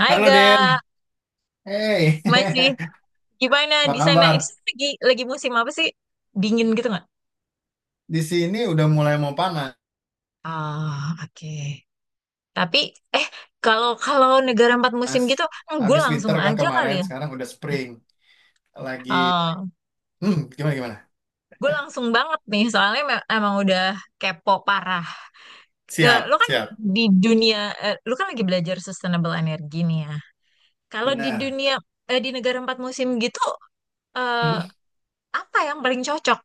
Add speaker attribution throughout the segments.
Speaker 1: Hai
Speaker 2: Halo
Speaker 1: ga,
Speaker 2: Den, hey,
Speaker 1: masih gimana
Speaker 2: apa
Speaker 1: di sana?
Speaker 2: kabar?
Speaker 1: Itu lagi musim apa sih? Dingin gitu nggak?
Speaker 2: Di sini udah mulai mau panas.
Speaker 1: Ah, oke. Tapi eh kalau kalau negara empat musim gitu, gue
Speaker 2: Habis
Speaker 1: langsung
Speaker 2: winter kan
Speaker 1: aja kali
Speaker 2: kemarin,
Speaker 1: ya.
Speaker 2: sekarang udah spring. Lagi,
Speaker 1: Ah,
Speaker 2: gimana gimana?
Speaker 1: gue langsung banget nih, soalnya emang udah kepo parah. Eh, Lo
Speaker 2: Siap,
Speaker 1: kan
Speaker 2: siap.
Speaker 1: di dunia, eh, lo kan lagi belajar sustainable energy nih ya. Kalau di
Speaker 2: Benar.
Speaker 1: dunia eh, di negara empat musim gitu, eh,
Speaker 2: Hmm,
Speaker 1: apa yang paling cocok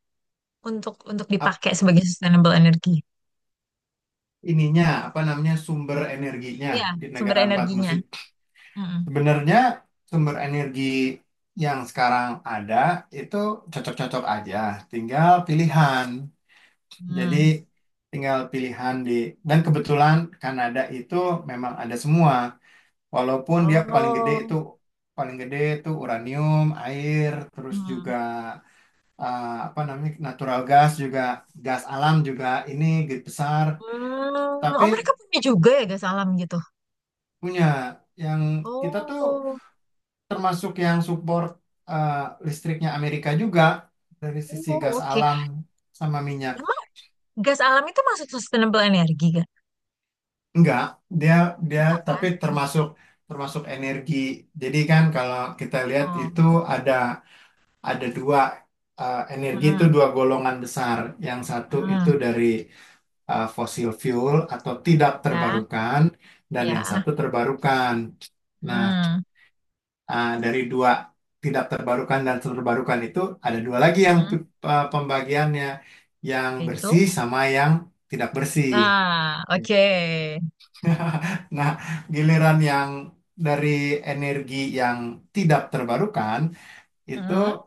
Speaker 1: untuk
Speaker 2: ap-
Speaker 1: dipakai sebagai sustainable energy?
Speaker 2: ininya apa namanya sumber energinya
Speaker 1: Iya,
Speaker 2: di
Speaker 1: sumber
Speaker 2: negara empat
Speaker 1: energinya.
Speaker 2: musim.
Speaker 1: Mm-mm.
Speaker 2: Sebenarnya sumber energi yang sekarang ada itu cocok-cocok aja, tinggal pilihan. Jadi
Speaker 1: Hmm.
Speaker 2: tinggal pilihan di dan kebetulan Kanada itu memang ada semua. Walaupun dia
Speaker 1: Oh.
Speaker 2: paling gede itu uranium, air, terus juga
Speaker 1: Hmm.
Speaker 2: apa namanya natural gas juga, gas alam juga ini gede besar.
Speaker 1: Hmm.
Speaker 2: Tapi
Speaker 1: Oh, mereka punya juga ya gas alam gitu.
Speaker 2: punya yang kita tuh
Speaker 1: Oh.
Speaker 2: termasuk yang support, eh, listriknya Amerika juga dari sisi
Speaker 1: Oh,
Speaker 2: gas
Speaker 1: oke.
Speaker 2: alam sama minyak.
Speaker 1: Emang gas alam itu masuk sustainable energi kan?
Speaker 2: Enggak, dia dia
Speaker 1: Iya kan?
Speaker 2: tapi
Speaker 1: Hmm.
Speaker 2: termasuk termasuk energi. Jadi kan kalau kita lihat itu
Speaker 1: Oh.
Speaker 2: ada ada dua, energi itu
Speaker 1: Hmm.
Speaker 2: dua golongan besar. Yang satu itu
Speaker 1: Hmm.
Speaker 2: dari fossil fuel atau tidak
Speaker 1: Ya,
Speaker 2: terbarukan, dan yang
Speaker 1: ya.
Speaker 2: satu terbarukan. Nah,
Speaker 1: Hmm.
Speaker 2: dari dua tidak terbarukan dan terbarukan itu ada dua lagi yang
Speaker 1: Hmm.
Speaker 2: pembagiannya, yang
Speaker 1: Itu.
Speaker 2: bersih sama yang tidak bersih.
Speaker 1: Ah, oke.
Speaker 2: Nah, giliran yang dari energi yang tidak terbarukan itu
Speaker 1: Hmm.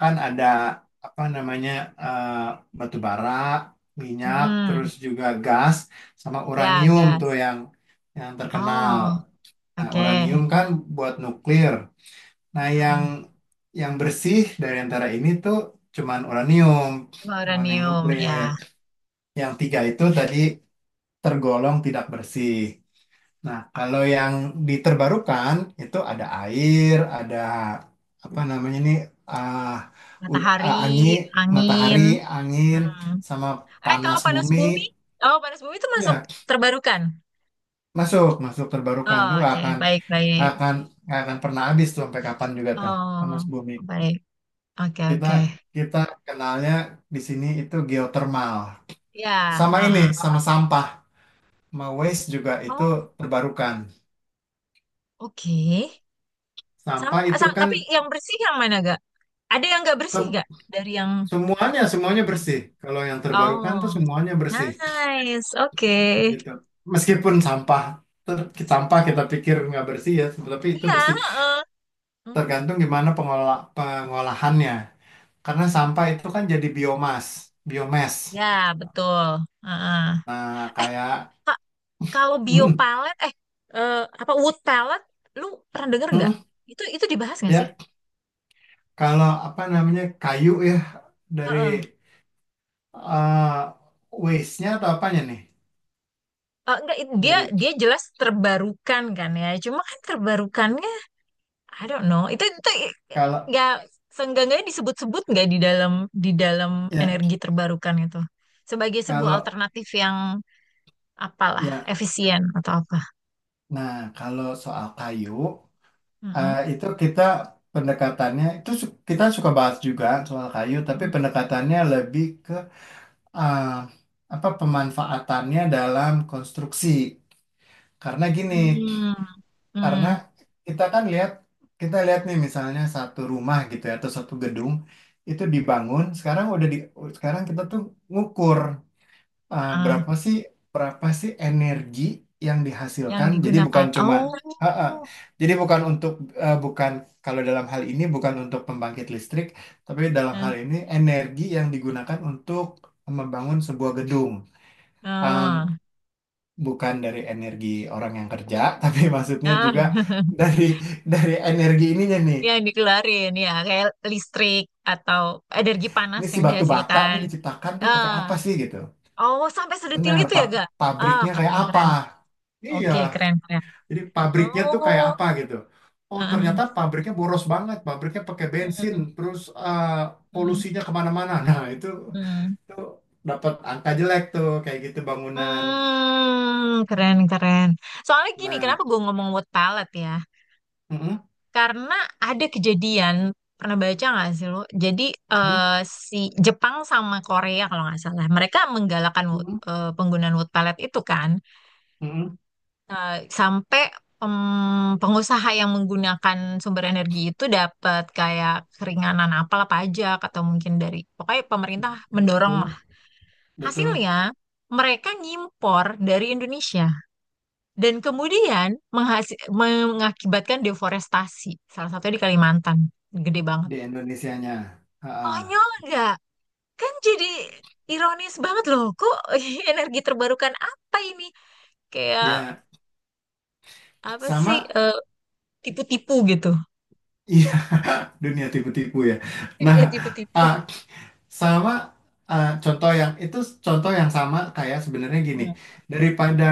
Speaker 2: kan ada apa namanya, eh, batu bara, minyak, terus
Speaker 1: Hmm.
Speaker 2: juga gas sama
Speaker 1: Ya,
Speaker 2: uranium tuh
Speaker 1: gas.
Speaker 2: yang terkenal.
Speaker 1: Oh,
Speaker 2: Nah,
Speaker 1: oke.
Speaker 2: uranium kan buat nuklir. Nah,
Speaker 1: Heeh.
Speaker 2: yang bersih dari antara ini tuh cuman uranium, cuman yang
Speaker 1: Uranium,
Speaker 2: nuklir.
Speaker 1: ya.
Speaker 2: Yang tiga itu tadi tergolong tidak bersih. Nah, kalau yang diterbarukan itu ada air, ada apa namanya nih, ah,
Speaker 1: Matahari,
Speaker 2: angin, matahari,
Speaker 1: angin.
Speaker 2: angin,
Speaker 1: Hmm.
Speaker 2: sama
Speaker 1: Eh, kalau
Speaker 2: panas
Speaker 1: panas
Speaker 2: bumi.
Speaker 1: bumi, oh panas bumi itu masuk
Speaker 2: Ya,
Speaker 1: terbarukan.
Speaker 2: masuk, masuk terbarukan tuh
Speaker 1: Oh,
Speaker 2: nggak
Speaker 1: oke,
Speaker 2: akan
Speaker 1: baik
Speaker 2: nggak
Speaker 1: baik.
Speaker 2: akan nggak akan pernah habis tuh sampai kapan juga tuh,
Speaker 1: Oh,
Speaker 2: panas bumi.
Speaker 1: baik. Oke
Speaker 2: Kita
Speaker 1: oke.
Speaker 2: kita kenalnya di sini itu geotermal.
Speaker 1: Ya.
Speaker 2: Sama ini,
Speaker 1: Heeh.
Speaker 2: sama sampah, sama waste juga itu
Speaker 1: Oh,
Speaker 2: terbarukan.
Speaker 1: oke.
Speaker 2: Sampah
Speaker 1: Sam-
Speaker 2: itu
Speaker 1: sam-
Speaker 2: kan
Speaker 1: tapi yang bersih yang mana gak? Ada yang nggak bersih gak dari yang.
Speaker 2: semuanya, semuanya bersih. Kalau yang terbarukan tuh
Speaker 1: Oh,
Speaker 2: semuanya bersih,
Speaker 1: nice. Oke.
Speaker 2: gitu. Meskipun sampah, sampah kita pikir nggak bersih ya, tapi itu
Speaker 1: Iya.
Speaker 2: bersih.
Speaker 1: Heeh. Hmm,
Speaker 2: Tergantung gimana pengolahannya. Karena sampah itu kan jadi biomas, biomes.
Speaker 1: ya, betul. Heeh.
Speaker 2: Nah, kayak,
Speaker 1: Kalau bio
Speaker 2: mm,
Speaker 1: palette, eh, apa wood palette, lu pernah dengar nggak?
Speaker 2: mm,
Speaker 1: Itu dibahas nggak sih?
Speaker 2: ya, kalau apa namanya kayu ya, dari
Speaker 1: Heeh.
Speaker 2: eh waste-nya atau apanya nih?
Speaker 1: Eh, enggak, it- dia
Speaker 2: Dari
Speaker 1: dia jelas terbarukan kan ya. Cuma kan terbarukannya, I don't know. Itu itu i-
Speaker 2: kalau
Speaker 1: nggak seenggaknya disebut-sebut nggak di dalam di dalam
Speaker 2: ya,
Speaker 1: energi terbarukan itu sebagai sebuah
Speaker 2: kalau
Speaker 1: alternatif yang apalah
Speaker 2: ya,
Speaker 1: efisien atau apa?
Speaker 2: nah kalau soal kayu. Eh,
Speaker 1: Mm-mm.
Speaker 2: itu kita pendekatannya itu kita suka bahas juga soal kayu, tapi
Speaker 1: Mhm.
Speaker 2: pendekatannya lebih ke eh, apa, pemanfaatannya dalam konstruksi. Karena gini,
Speaker 1: Hmm,
Speaker 2: karena
Speaker 1: hmm,
Speaker 2: kita kan lihat kita lihat nih misalnya satu rumah gitu ya atau satu gedung itu dibangun, sekarang udah di, sekarang kita tuh ngukur, eh,
Speaker 1: ah,
Speaker 2: berapa sih berapa sih energi yang dihasilkan?
Speaker 1: yang
Speaker 2: Jadi bukan
Speaker 1: digunakan.
Speaker 2: cuma,
Speaker 1: Oh,
Speaker 2: Ah, ah. Jadi bukan untuk, eh, bukan kalau dalam hal ini bukan untuk pembangkit listrik, tapi dalam hal
Speaker 1: eh,
Speaker 2: ini energi yang digunakan untuk membangun sebuah gedung. Em,
Speaker 1: ah.
Speaker 2: bukan dari energi orang yang kerja, tapi maksudnya
Speaker 1: Ah,
Speaker 2: juga dari dari energi ininya nih.
Speaker 1: yang dikeluarin ya kayak listrik atau energi panas
Speaker 2: Ini si
Speaker 1: yang
Speaker 2: batu bata
Speaker 1: dihasilkan.
Speaker 2: nih diciptakan tuh pakai apa
Speaker 1: Ah,
Speaker 2: sih gitu?
Speaker 1: oh sampai sedetil
Speaker 2: Benar,
Speaker 1: itu ya gak? Ah
Speaker 2: pabriknya
Speaker 1: keren
Speaker 2: kayak apa?
Speaker 1: keren.
Speaker 2: Iya.
Speaker 1: Oke keren keren.
Speaker 2: Jadi pabriknya tuh
Speaker 1: Oh,
Speaker 2: kayak apa gitu. Oh ternyata
Speaker 1: ah.
Speaker 2: pabriknya boros banget, pabriknya pakai bensin,
Speaker 1: Hmm,
Speaker 2: terus
Speaker 1: hmm,
Speaker 2: polusinya kemana-mana. Nah itu
Speaker 1: hmm.
Speaker 2: itu dapat angka jelek tuh kayak gitu bangunan.
Speaker 1: Hmm, keren keren. Soalnya gini,
Speaker 2: Nah,
Speaker 1: kenapa gue ngomong word palette ya?
Speaker 2: mm-mm,
Speaker 1: Karena ada kejadian, pernah baca nggak sih lo? Jadi
Speaker 2: mm-mm,
Speaker 1: eh, si Jepang sama Korea kalau nggak salah, mereka menggalakkan
Speaker 2: mm-mm,
Speaker 1: penggunaan word palette itu kan.
Speaker 2: mm-mm,
Speaker 1: Sampai pengusaha yang menggunakan sumber energi itu dapat kayak keringanan apalah pajak atau mungkin dari pokoknya pemerintah mendorong lah.
Speaker 2: betul, betul,
Speaker 1: Hasilnya mereka ngimpor dari Indonesia dan kemudian menghasi- mengakibatkan deforestasi. Salah satunya di Kalimantan, gede banget.
Speaker 2: di Indonesianya. Ha-ha.
Speaker 1: Konyol nggak? Kan jadi ironis banget loh. Kok energi terbarukan apa ini? Kayak
Speaker 2: Ya
Speaker 1: apa sih?
Speaker 2: sama,
Speaker 1: Tipu-tipu gitu.
Speaker 2: iya, dunia tipu-tipu ya. Nah,
Speaker 1: Dia tipu-tipu.
Speaker 2: ah, sama, contoh yang itu, contoh yang sama kayak sebenarnya gini,
Speaker 1: Mm,
Speaker 2: daripada
Speaker 1: mm,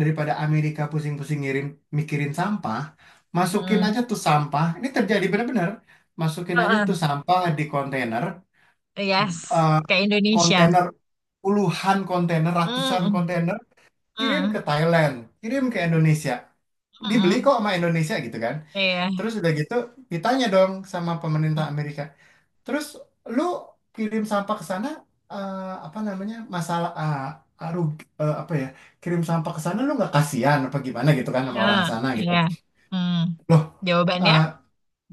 Speaker 2: daripada Amerika pusing-pusing ngirim, mikirin sampah, masukin
Speaker 1: mm.
Speaker 2: aja tuh sampah. Ini terjadi benar-benar. Masukin aja
Speaker 1: Uh-uh.
Speaker 2: tuh sampah di kontainer,
Speaker 1: Yes,
Speaker 2: eh,
Speaker 1: ke Indonesia.
Speaker 2: kontainer, puluhan kontainer,
Speaker 1: Mm,
Speaker 2: ratusan
Speaker 1: mm,
Speaker 2: kontainer, kirim ke
Speaker 1: mm,
Speaker 2: Thailand, kirim ke Indonesia.
Speaker 1: mm,
Speaker 2: Dibeli
Speaker 1: mm.
Speaker 2: kok sama Indonesia gitu kan.
Speaker 1: Iya.
Speaker 2: Terus udah gitu ditanya dong sama
Speaker 1: Mm,
Speaker 2: pemerintah Amerika, terus lu kirim sampah ke sana, apa namanya masalah ah, apa ya, kirim sampah ke sana lu nggak kasihan apa gimana gitu kan sama
Speaker 1: mm,
Speaker 2: orang sana
Speaker 1: iya.
Speaker 2: gitu.
Speaker 1: Mm.
Speaker 2: Loh,
Speaker 1: Jawabannya?
Speaker 2: eh,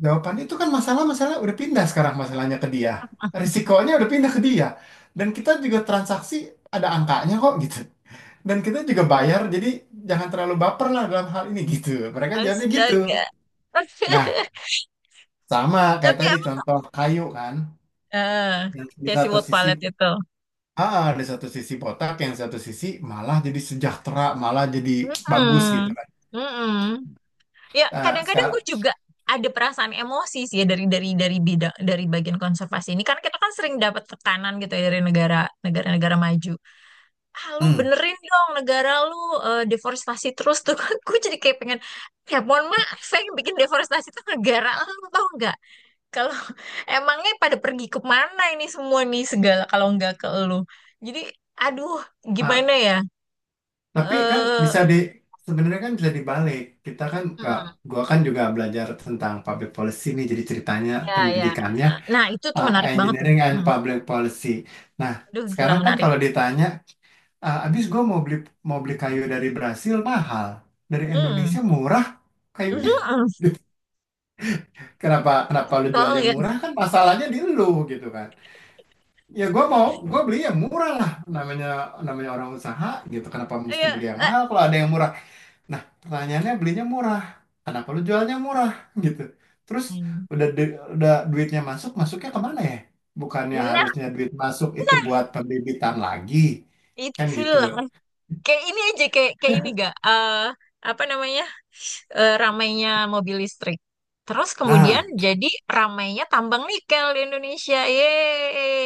Speaker 2: jawabannya itu kan masalah-masalah udah pindah, sekarang masalahnya ke dia. Risikonya udah pindah ke dia. Dan kita juga transaksi, ada angkanya kok gitu. Dan kita juga bayar, jadi jangan terlalu baper lah dalam hal ini gitu. Mereka jawabnya gitu.
Speaker 1: Astaga.
Speaker 2: Nah, sama kayak
Speaker 1: Tapi
Speaker 2: tadi
Speaker 1: emang
Speaker 2: contoh kayu kan.
Speaker 1: eh
Speaker 2: Yang di
Speaker 1: Casey
Speaker 2: satu
Speaker 1: World
Speaker 2: sisi,
Speaker 1: Palette itu.
Speaker 2: ah, di satu sisi botak, yang satu sisi malah jadi sejahtera, malah jadi bagus gitu
Speaker 1: Mm-mm.
Speaker 2: kan.
Speaker 1: Mm-mm. Ya,
Speaker 2: Ah,
Speaker 1: kadang-kadang gue
Speaker 2: sekarang,
Speaker 1: juga ada perasaan emosi sih ya dari bidang dari bagian konservasi ini karena kita kan sering dapat tekanan gitu ya dari negara negara-negara maju. Ah lu
Speaker 2: hmm.
Speaker 1: benerin dong negara lu deforestasi terus tuh gue jadi kayak pengen, ya mohon maaf yang bikin deforestasi tuh negara lu tau nggak kalau emangnya pada pergi kemana ini semua nih segala kalau nggak ke lu. Jadi aduh, gimana
Speaker 2: Ah,
Speaker 1: ya
Speaker 2: tapi kan
Speaker 1: eh
Speaker 2: bisa di, sebenarnya kan bisa dibalik. Kita kan ke,
Speaker 1: hmm,
Speaker 2: gua kan juga belajar tentang public policy nih, jadi ceritanya
Speaker 1: ya ya
Speaker 2: pendidikannya
Speaker 1: nah itu tuh
Speaker 2: ah,
Speaker 1: menarik banget tuh
Speaker 2: engineering and
Speaker 1: hmm.
Speaker 2: public policy. Nah,
Speaker 1: Aduh gila
Speaker 2: sekarang kan
Speaker 1: menarik
Speaker 2: kalau ditanya, ah, abis gua mau beli, mau beli kayu dari Brasil mahal, dari
Speaker 1: hmm.
Speaker 2: Indonesia murah kayunya.
Speaker 1: Hmm.
Speaker 2: Gitu. Kenapa kenapa lu
Speaker 1: Tau
Speaker 2: jualnya
Speaker 1: nggak ya.
Speaker 2: murah, kan masalahnya di lu gitu kan. Ya gue mau, gue beli yang murah lah, namanya, namanya orang usaha gitu, kenapa mesti
Speaker 1: Iya.
Speaker 2: beli yang
Speaker 1: eh,
Speaker 2: mahal kalau ada yang murah. Nah, pertanyaannya belinya murah, kenapa lu jualnya murah? Gitu. Terus
Speaker 1: hmm.
Speaker 2: udah duitnya masuk, masuknya kemana ya, bukannya
Speaker 1: Nah
Speaker 2: harusnya duit masuk itu buat pembibitan lagi kan gitu.
Speaker 1: itulah. Kayak ini aja kayak kayak ini gak apa namanya ramainya mobil listrik. Terus kemudian
Speaker 2: Nah
Speaker 1: jadi ramainya tambang nikel di Indonesia. Yeay.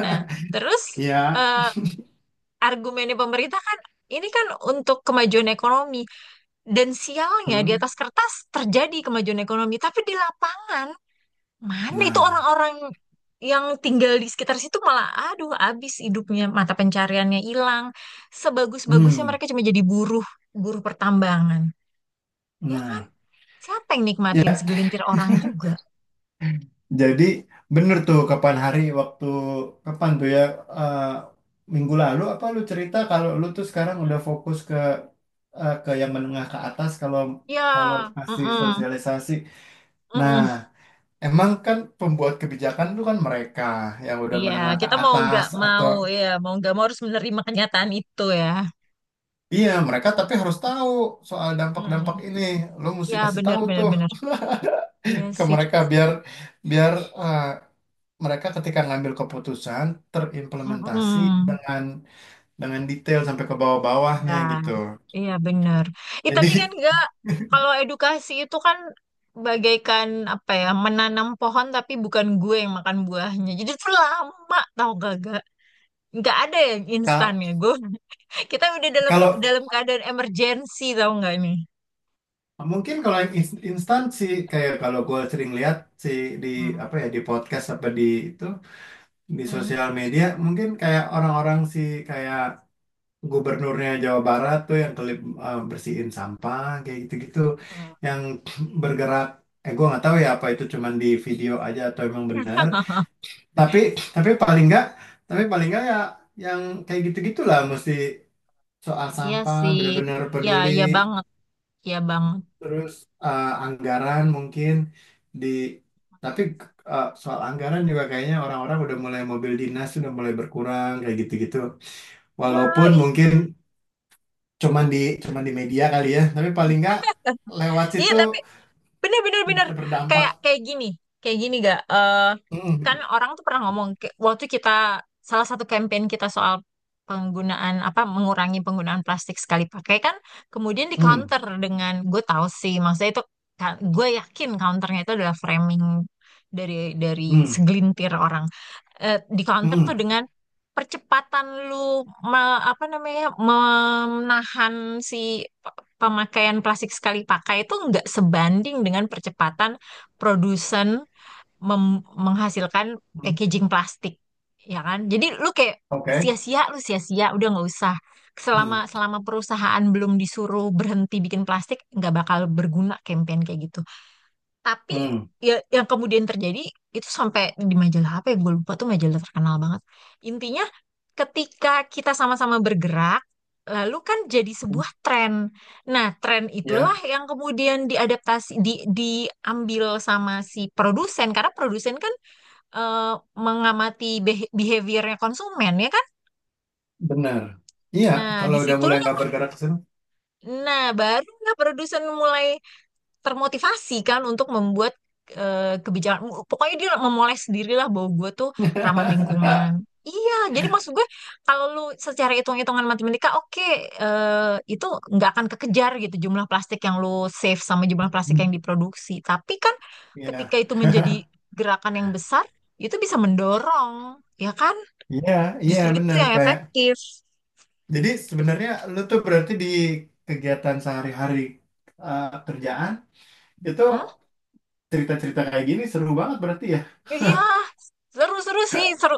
Speaker 1: Nah, terus
Speaker 2: ya,
Speaker 1: eh, argumennya pemerintah kan ini kan untuk kemajuan ekonomi dan sialnya di
Speaker 2: hmm,
Speaker 1: atas kertas terjadi kemajuan ekonomi tapi di lapangan, mana itu
Speaker 2: nah,
Speaker 1: orang-orang yang tinggal di sekitar situ malah, aduh, habis hidupnya, mata pencariannya hilang. Sebagus-bagusnya
Speaker 2: hmm,
Speaker 1: mereka cuma jadi buruh, buruh pertambangan. Ya kan?
Speaker 2: nah
Speaker 1: Siapa yang nikmatin,
Speaker 2: ya.
Speaker 1: segelintir orang juga?
Speaker 2: Jadi bener tuh kapan hari, waktu kapan tuh ya, eh, minggu lalu apa lu cerita kalau lu tuh sekarang udah fokus ke ke yang menengah ke atas, kalau kalau
Speaker 1: Ya,
Speaker 2: masih
Speaker 1: mm-mm,
Speaker 2: sosialisasi. Nah,
Speaker 1: mm-mm.
Speaker 2: emang kan pembuat kebijakan itu kan mereka yang udah
Speaker 1: Iya,
Speaker 2: menengah ke
Speaker 1: kita mau nggak
Speaker 2: atas atau,
Speaker 1: mau, ya, mau nggak mau harus menerima kenyataan itu ya.
Speaker 2: iya mereka, tapi harus tahu soal dampak-dampak
Speaker 1: Mm.
Speaker 2: ini. Lu mesti
Speaker 1: Ya,
Speaker 2: kasih
Speaker 1: benar
Speaker 2: tahu
Speaker 1: benar
Speaker 2: tuh
Speaker 1: benar. Iya
Speaker 2: ke
Speaker 1: sih.
Speaker 2: mereka biar, biar eh, mereka ketika ngambil keputusan terimplementasi
Speaker 1: Mm-mm.
Speaker 2: dengan dengan detail sampai ke
Speaker 1: Ya.
Speaker 2: bawah-bawahnya gitu.
Speaker 1: Iya benar. Ih,
Speaker 2: Jadi
Speaker 1: tapi kan enggak, kalau edukasi itu kan bagaikan apa ya, menanam pohon tapi bukan gue yang makan buahnya. Jadi itu lama tau gak gak. Nggak ada yang
Speaker 2: ka-
Speaker 1: instan ya gue. Kita udah dalam
Speaker 2: kalau
Speaker 1: dalam keadaan emergency tau nggak nih.
Speaker 2: mungkin kalau yang instan sih kayak, kalau gue sering lihat sih di
Speaker 1: Hmm.
Speaker 2: apa ya, di podcast apa di itu, di
Speaker 1: Hmm.
Speaker 2: sosial media mungkin kayak orang-orang sih, kayak gubernurnya Jawa Barat tuh yang kelip, bersihin sampah kayak gitu-gitu
Speaker 1: Hmm.
Speaker 2: yang bergerak, eh gue nggak tahu ya apa itu cuman di video aja atau emang benar, tapi tapi paling nggak, tapi paling nggak ya, yang kayak gitu-gitulah mesti soal
Speaker 1: Iya
Speaker 2: sampah
Speaker 1: sih.
Speaker 2: benar-benar
Speaker 1: Iya,
Speaker 2: peduli.
Speaker 1: iya banget. Iya banget.
Speaker 2: Terus anggaran mungkin di, tapi soal anggaran juga kayaknya orang-orang udah mulai, mobil dinas udah mulai berkurang kayak gitu-gitu,
Speaker 1: Nah,
Speaker 2: walaupun
Speaker 1: iya.
Speaker 2: mungkin cuman di cuman di media kali ya, tapi paling nggak lewat
Speaker 1: Iya,
Speaker 2: situ
Speaker 1: tapi bener bener bener,
Speaker 2: bisa
Speaker 1: kayak
Speaker 2: berdampak.
Speaker 1: kayak gini, kayak gini gak. Eh, kan
Speaker 2: Mm,
Speaker 1: orang tuh pernah ngomong kayak waktu kita, salah satu campaign kita soal penggunaan apa, mengurangi penggunaan plastik sekali pakai kan, kemudian di
Speaker 2: mm,
Speaker 1: counter dengan, gue tahu sih maksudnya itu, ka- gue yakin counternya itu adalah framing dari
Speaker 2: mm,
Speaker 1: segelintir orang. Eh di counter tuh
Speaker 2: mm,
Speaker 1: dengan percepatan lu apa namanya menahan si pemakaian plastik sekali pakai itu nggak sebanding dengan percepatan produsen menghasilkan
Speaker 2: mm.
Speaker 1: packaging plastik, ya kan? Jadi lu kayak
Speaker 2: Oke.
Speaker 1: sia-sia, lu sia-sia, udah nggak usah.
Speaker 2: Mm,
Speaker 1: Selama selama perusahaan belum disuruh berhenti bikin plastik, nggak bakal berguna campaign kayak gitu. Tapi
Speaker 2: mm.
Speaker 1: ya yang kemudian terjadi itu, sampai di majalah apa ya gue lupa tuh, majalah terkenal banget. Intinya ketika kita sama-sama bergerak lalu kan jadi sebuah tren. Nah, tren
Speaker 2: Ya,
Speaker 1: itulah yang kemudian diadaptasi, di diambil sama si produsen karena produsen kan eh, mengamati behaviornya konsumen ya kan.
Speaker 2: benar, iya,
Speaker 1: Nah,
Speaker 2: kalau udah mulai
Speaker 1: disitulah,
Speaker 2: nggak bergerak ke situ.
Speaker 1: nah baru nggak produsen mulai termotivasi kan untuk membuat kebijakan. Pokoknya dia memoles sendirilah bahwa gue tuh ramah lingkungan. Iya, jadi maksud gue kalau lu secara hitung-hitungan matematika, oke, itu nggak akan kekejar gitu, jumlah plastik yang lu save sama jumlah plastik yang diproduksi. Tapi kan ketika
Speaker 2: Ya.
Speaker 1: itu menjadi gerakan yang besar, itu bisa mendorong, ya kan?
Speaker 2: Iya, iya
Speaker 1: Justru itu
Speaker 2: bener
Speaker 1: yang
Speaker 2: kayak.
Speaker 1: efektif.
Speaker 2: Jadi sebenarnya lu tuh berarti di kegiatan sehari-hari, kerjaan itu,
Speaker 1: Hmm?
Speaker 2: cerita-cerita kayak gini seru banget berarti ya.
Speaker 1: Iya, seru-seru sih, seru,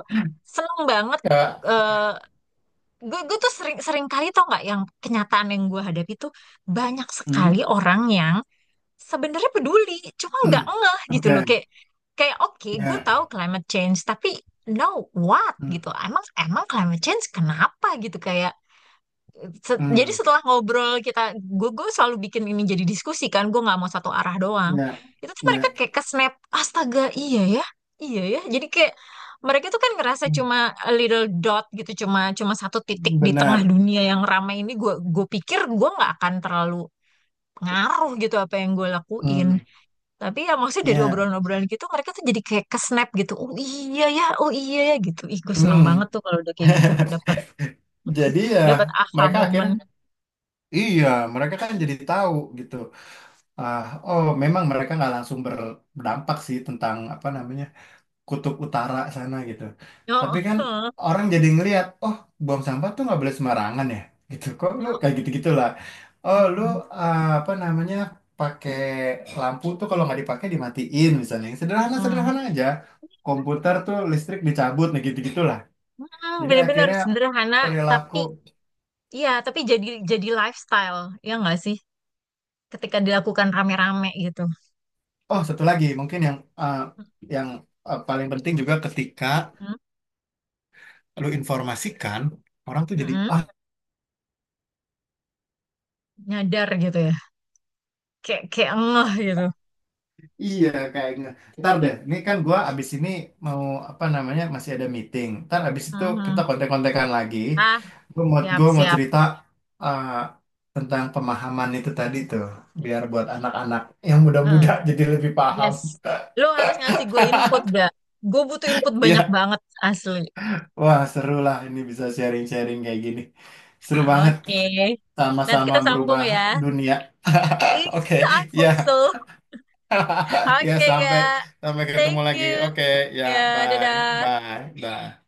Speaker 1: seneng banget
Speaker 2: Ya.
Speaker 1: eh, gue tuh sering sering kali tau nggak, yang kenyataan yang gue hadapi tuh, banyak
Speaker 2: Hmm.
Speaker 1: sekali orang yang sebenarnya peduli, cuma nggak ngeh gitu loh.
Speaker 2: Oke.
Speaker 1: Kayak kayak oke, gue
Speaker 2: Ya.
Speaker 1: tahu climate change, tapi no what
Speaker 2: Hmm.
Speaker 1: gitu. Emang emang climate change kenapa gitu, kayak jadi
Speaker 2: Hmm.
Speaker 1: setelah ngobrol kita, gue selalu bikin ini jadi diskusi kan, gue nggak mau satu arah doang,
Speaker 2: Ya.
Speaker 1: itu tuh mereka
Speaker 2: Ya.
Speaker 1: kayak ke snap, astaga iya ya iya ya, jadi kayak mereka tuh kan ngerasa
Speaker 2: Hmm.
Speaker 1: cuma a little dot gitu cuma cuma satu titik di tengah
Speaker 2: Benar.
Speaker 1: dunia yang ramai ini, gue pikir gue nggak akan terlalu ngaruh gitu apa yang gue lakuin.
Speaker 2: Hmm.
Speaker 1: Tapi ya maksudnya dari
Speaker 2: Ya.
Speaker 1: obrolan-obrolan gitu mereka tuh jadi kayak ke snap gitu, oh iya ya oh iya ya gitu. Ih gue seneng
Speaker 2: Hmm.
Speaker 1: banget tuh kalau udah kayak gitu, dapat
Speaker 2: Jadi ya
Speaker 1: dapat aha
Speaker 2: mereka akhirnya,
Speaker 1: moment.
Speaker 2: iya mereka kan jadi tahu gitu. Ah, oh memang mereka nggak langsung berdampak sih tentang apa namanya, kutub utara sana gitu. Tapi kan
Speaker 1: Oh,
Speaker 2: orang jadi ngelihat, oh buang sampah tuh nggak boleh sembarangan ya, gitu. Kok lu
Speaker 1: Mm-mm.
Speaker 2: kayak gitu-gitulah. Oh lu,
Speaker 1: Mm-mm.
Speaker 2: ah, apa namanya, pakai lampu tuh kalau nggak dipakai dimatiin misalnya. Yang sederhana sederhana aja. Komputer tuh listrik dicabut, nah gitu-gitulah.
Speaker 1: Mm,
Speaker 2: Jadi
Speaker 1: bener-bener
Speaker 2: akhirnya
Speaker 1: sederhana,
Speaker 2: perilaku.
Speaker 1: tapi ya, tapi jadi lifestyle, ya nggak sih? Ketika dilakukan rame-rame gitu.
Speaker 2: Oh satu lagi mungkin yang, yang paling penting juga ketika
Speaker 1: Mm-mm.
Speaker 2: lu informasikan, orang tuh jadi
Speaker 1: Mm-mm.
Speaker 2: ah,
Speaker 1: Nyadar gitu ya. Kayak kayak ngeh gitu.
Speaker 2: iya kayaknya. Ntar deh, ini kan gua abis ini mau apa namanya, masih ada meeting. Ntar abis itu kita
Speaker 1: Mhm.
Speaker 2: kontek-kontekan lagi.
Speaker 1: Ah,
Speaker 2: Gue mau Gua mau
Speaker 1: siap-siap.
Speaker 2: cerita eh, tentang pemahaman itu tadi tuh, biar buat anak-anak yang
Speaker 1: Eh,
Speaker 2: muda-muda jadi lebih paham.
Speaker 1: yes. Lo harus ngasih gue input, gak? Gue butuh input banyak
Speaker 2: Iya,
Speaker 1: banget, asli.
Speaker 2: wah seru lah ini bisa sharing-sharing kayak gini. Seru banget,
Speaker 1: Oke. Nanti
Speaker 2: sama-sama
Speaker 1: kita sambung
Speaker 2: merubah
Speaker 1: ya.
Speaker 2: dunia.
Speaker 1: Yes, I
Speaker 2: Oke,
Speaker 1: hope
Speaker 2: ya,
Speaker 1: so.
Speaker 2: ya
Speaker 1: Oke,
Speaker 2: sampai,
Speaker 1: gak?
Speaker 2: sampai ketemu
Speaker 1: Thank
Speaker 2: lagi.
Speaker 1: you.
Speaker 2: Oke, ya,
Speaker 1: Ya,
Speaker 2: bye,
Speaker 1: dadah.
Speaker 2: bye, bye.